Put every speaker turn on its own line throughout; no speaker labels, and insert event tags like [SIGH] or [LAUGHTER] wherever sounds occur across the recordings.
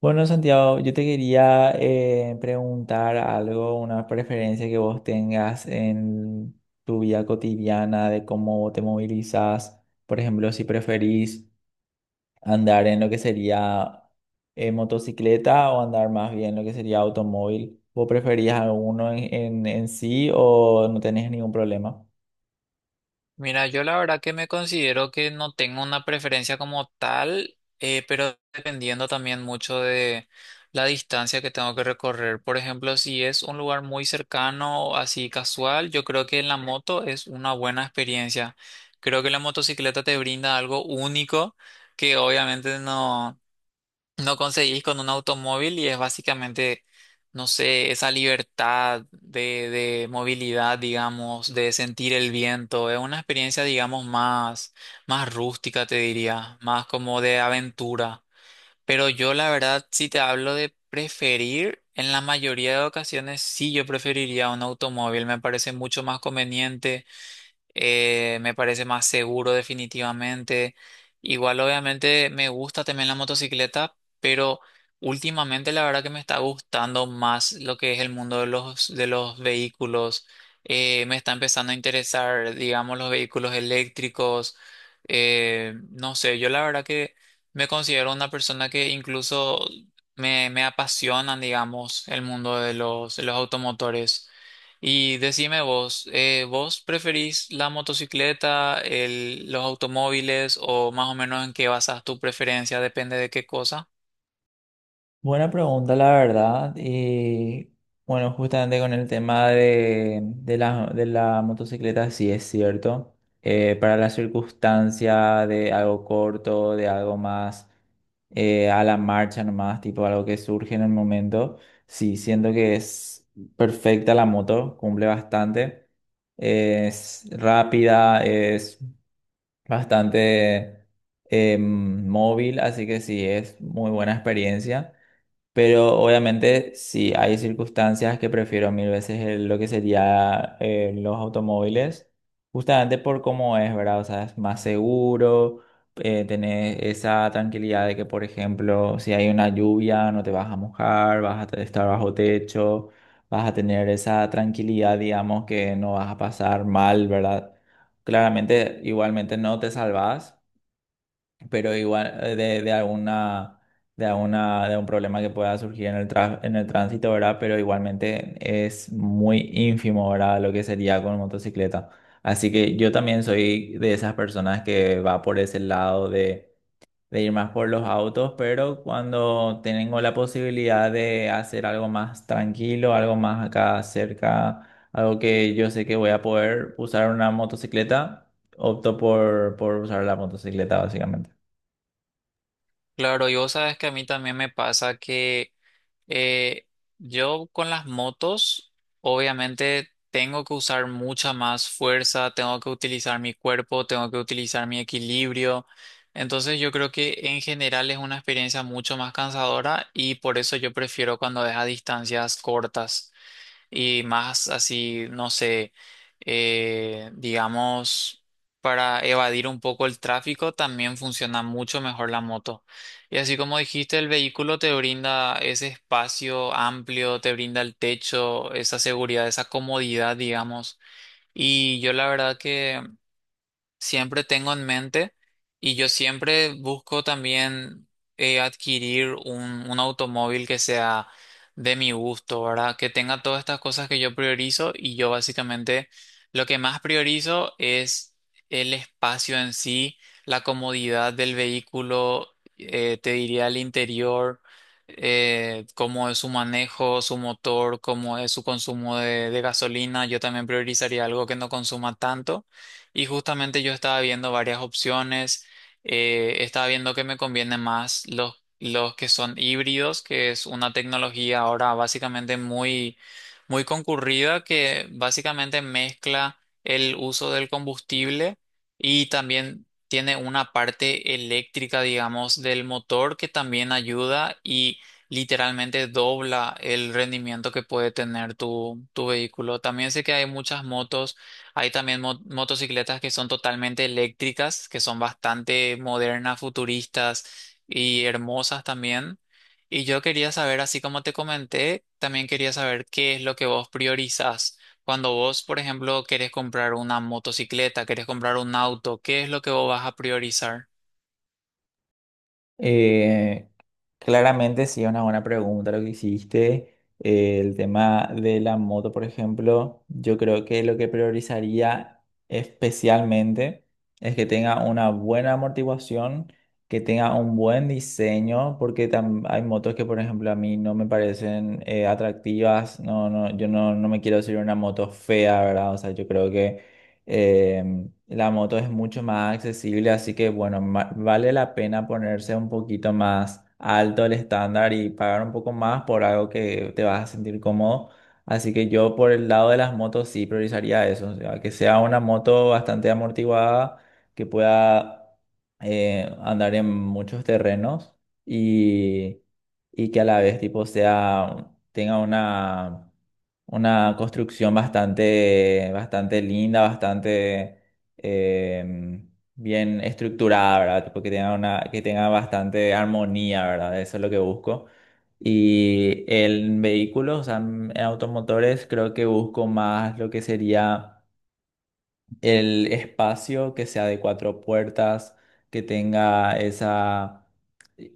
Bueno, Santiago, yo te quería preguntar algo, una preferencia que vos tengas en tu vida cotidiana de cómo te movilizás. Por ejemplo, si preferís andar en lo que sería motocicleta o andar más bien lo que sería automóvil. ¿Vos preferís alguno en, en sí o no tenés ningún problema?
Mira, yo la verdad que me considero que no tengo una preferencia como tal, pero dependiendo también mucho de la distancia que tengo que recorrer. Por ejemplo, si es un lugar muy cercano, así casual, yo creo que en la moto es una buena experiencia. Creo que la motocicleta te brinda algo único que obviamente no conseguís con un automóvil y es básicamente, no sé, esa libertad de movilidad, digamos, de sentir el viento. Es una experiencia, digamos, más rústica, te diría, más como de aventura. Pero yo, la verdad, si te hablo de preferir, en la mayoría de ocasiones sí yo preferiría un automóvil. Me parece mucho más conveniente, me parece más seguro definitivamente. Igual obviamente me gusta también la motocicleta, pero últimamente la verdad que me está gustando más lo que es el mundo de los vehículos. Me está empezando a interesar, digamos, los vehículos eléctricos. No sé, yo la verdad que me considero una persona que incluso me apasionan, digamos, el mundo de los automotores. Y decime vos, ¿vos preferís la motocicleta, los automóviles o más o menos en qué basas tu preferencia? Depende de qué cosa.
Buena pregunta, la verdad. Y bueno, justamente con el tema de la motocicleta, sí es cierto. Para la circunstancia de algo corto, de algo más a la marcha nomás, tipo algo que surge en el momento, sí, siento que es perfecta la moto, cumple bastante. Es rápida, es bastante móvil, así que sí, es muy buena experiencia. Pero obviamente sí hay circunstancias que prefiero mil veces lo que sería los automóviles, justamente por cómo es, ¿verdad? O sea, es más seguro, tenés esa tranquilidad de que, por ejemplo, si hay una lluvia, no te vas a mojar, vas a estar bajo techo, vas a tener esa tranquilidad, digamos, que no vas a pasar mal, ¿verdad? Claramente, igualmente no te salvas, pero igual de, de alguna de un problema que pueda surgir en el en el tránsito, ¿verdad? Pero igualmente es muy ínfimo, ¿verdad? Lo que sería con motocicleta. Así que yo también soy de esas personas que va por ese lado de ir más por los autos, pero cuando tengo la posibilidad de hacer algo más tranquilo, algo más acá cerca, algo que yo sé que voy a poder usar una motocicleta, opto por usar la motocicleta básicamente.
Claro, y vos sabes que a mí también me pasa que eh, yo con las motos, obviamente tengo que usar mucha más fuerza, tengo que utilizar mi cuerpo, tengo que utilizar mi equilibrio. Entonces yo creo que en general es una experiencia mucho más cansadora y por eso yo prefiero cuando es a distancias cortas. Y más así, no sé, digamos, para evadir un poco el tráfico, también funciona mucho mejor la moto. Y así como dijiste, el vehículo te brinda ese espacio amplio, te brinda el techo, esa seguridad, esa comodidad, digamos. Y yo la verdad que siempre tengo en mente y yo siempre busco también adquirir un automóvil que sea de mi gusto, ¿verdad? Que tenga todas estas cosas que yo priorizo y yo básicamente lo que más priorizo es el espacio en sí, la comodidad del vehículo, te diría el interior. Eh, cómo es su manejo, su motor, cómo es su consumo de gasolina. Yo también priorizaría algo que no consuma tanto. Y justamente yo estaba viendo varias opciones, estaba viendo que me conviene más los que son híbridos, que es una tecnología ahora básicamente muy, muy concurrida que básicamente mezcla el uso del combustible y también tiene una parte eléctrica, digamos, del motor que también ayuda y literalmente dobla el rendimiento que puede tener tu, tu vehículo. También sé que hay muchas motos, hay también motocicletas que son totalmente eléctricas, que son bastante modernas, futuristas y hermosas también. Y yo quería saber, así como te comenté, también quería saber qué es lo que vos priorizás. Cuando vos, por ejemplo, querés comprar una motocicleta, querés comprar un auto, ¿qué es lo que vos vas a priorizar?
Eh, Claramente sí es una buena pregunta lo que hiciste. El tema de la moto, por ejemplo, yo creo que lo que priorizaría especialmente es que tenga una buena amortiguación, que tenga un buen diseño, porque hay motos que, por ejemplo, a mí no me parecen atractivas. No, no, yo no, no me quiero subir a una moto fea, ¿verdad? O sea, yo creo que eh, la moto es mucho más accesible, así que bueno, vale la pena ponerse un poquito más alto el estándar y pagar un poco más por algo que te vas a sentir cómodo. Así que yo por el lado de las motos sí priorizaría eso, o sea, que sea una moto bastante amortiguada, que pueda andar en muchos terrenos y, y que a la vez tipo sea, tenga una construcción bastante, bastante linda, bastante bien estructurada, ¿verdad? Tipo que tenga una, que tenga bastante armonía, ¿verdad? Eso es lo que busco. Y en vehículos, o sea, en automotores, creo que busco más lo que sería el espacio que sea de cuatro puertas, que tenga esa...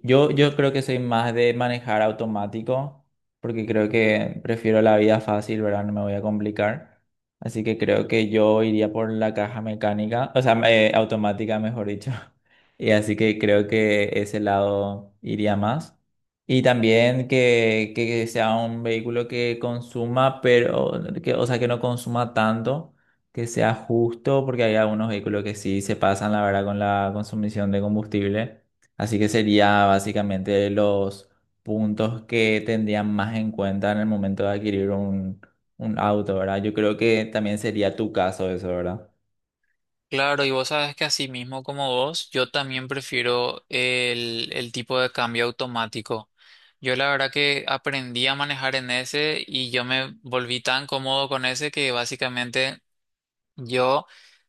Yo creo que soy más de manejar automático, porque creo que prefiero la vida fácil, ¿verdad? No me voy a complicar. Así que creo que yo iría por la caja mecánica, o sea, automática, mejor dicho. [LAUGHS] Y así que creo que ese lado iría más. Y también que sea un vehículo que consuma, pero, que, o sea, que no consuma tanto, que sea justo, porque hay algunos vehículos que sí se pasan, la verdad, con la consumición de combustible. Así que sería básicamente los puntos que tendrían más en cuenta en el momento de adquirir un auto, ¿verdad? Yo creo que también sería tu caso eso, ¿verdad?
Claro, y vos sabes que así mismo como vos, yo también prefiero el tipo de cambio automático. Yo la verdad que aprendí a manejar en ese y yo me volví tan cómodo con ese que básicamente yo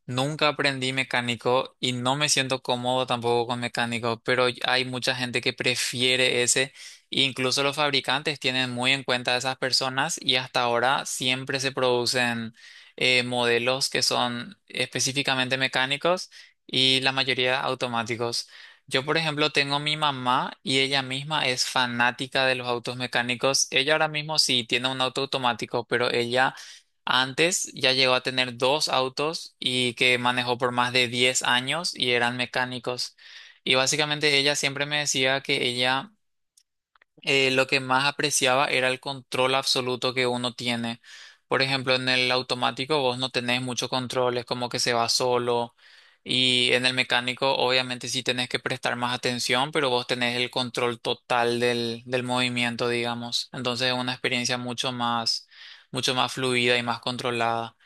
nunca aprendí mecánico y no me siento cómodo tampoco con mecánico, pero hay mucha gente que prefiere ese. E incluso los fabricantes tienen muy en cuenta a esas personas y hasta ahora siempre se producen modelos que son específicamente mecánicos y la mayoría automáticos. Yo, por ejemplo, tengo mi mamá y ella misma es fanática de los autos mecánicos. Ella ahora mismo sí tiene un auto automático, pero ella antes ya llegó a tener dos autos y que manejó por más de 10 años y eran mecánicos. Y básicamente ella siempre me decía que ella, lo que más apreciaba era el control absoluto que uno tiene. Por ejemplo, en el automático vos no tenés mucho control, es como que se va solo. Y en el mecánico obviamente sí tenés que prestar más atención, pero vos tenés el control total del, del movimiento, digamos. Entonces es una experiencia mucho más fluida y más controlada.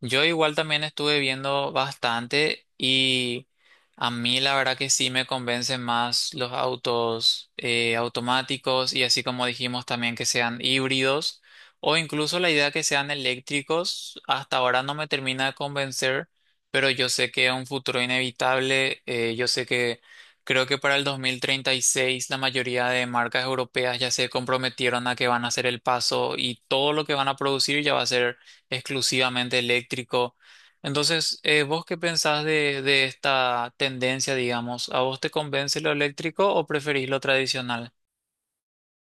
Yo igual también estuve viendo bastante y a mí la verdad que sí me convencen más los autos automáticos, y así como dijimos también que sean híbridos o incluso la idea que sean eléctricos hasta ahora no me termina de convencer, pero yo sé que es un futuro inevitable. Eh, yo sé que creo que para el 2036 la mayoría de marcas europeas ya se comprometieron a que van a hacer el paso y todo lo que van a producir ya va a ser exclusivamente eléctrico. Entonces, ¿vos qué pensás de esta tendencia, digamos? ¿A vos te convence lo eléctrico o preferís lo tradicional?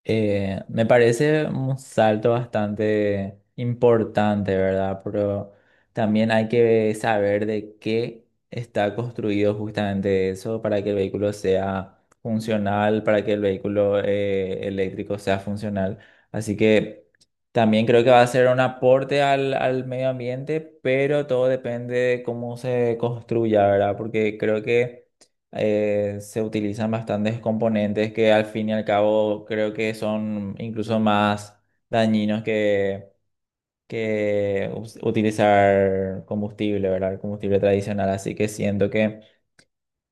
Me parece un salto bastante importante, ¿verdad? Pero también hay que saber de qué está construido justamente eso para que el vehículo sea funcional, para que el vehículo eléctrico sea funcional. Así que también creo que va a ser un aporte al, al medio ambiente, pero todo depende de cómo se construya, ¿verdad? Porque creo que se utilizan bastantes componentes que al fin y al cabo creo que son incluso más dañinos que utilizar combustible, ¿verdad? El combustible tradicional. Así que siento que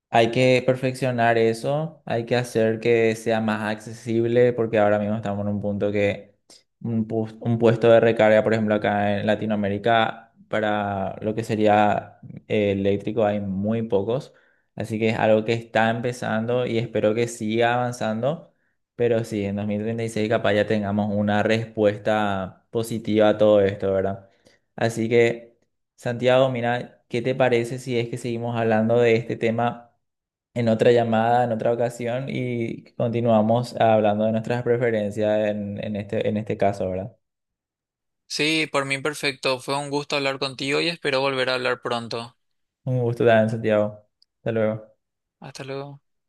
hay que perfeccionar eso, hay que hacer que sea más accesible porque ahora mismo estamos en un punto que un puesto de recarga, por ejemplo, acá en Latinoamérica, para lo que sería eléctrico hay muy pocos, así que es algo que está empezando y espero que siga avanzando, pero sí, en 2036 capaz ya tengamos una respuesta positiva a todo esto, ¿verdad? Así que, Santiago, mira, ¿qué te parece si es que seguimos hablando de este tema en otra llamada, en otra ocasión y continuamos hablando de nuestras preferencias en este caso, ¿verdad?
Sí, por mí perfecto. Fue un gusto hablar contigo y espero volver a hablar pronto.
Un gusto también, Santiago. Hasta luego.
Hasta luego.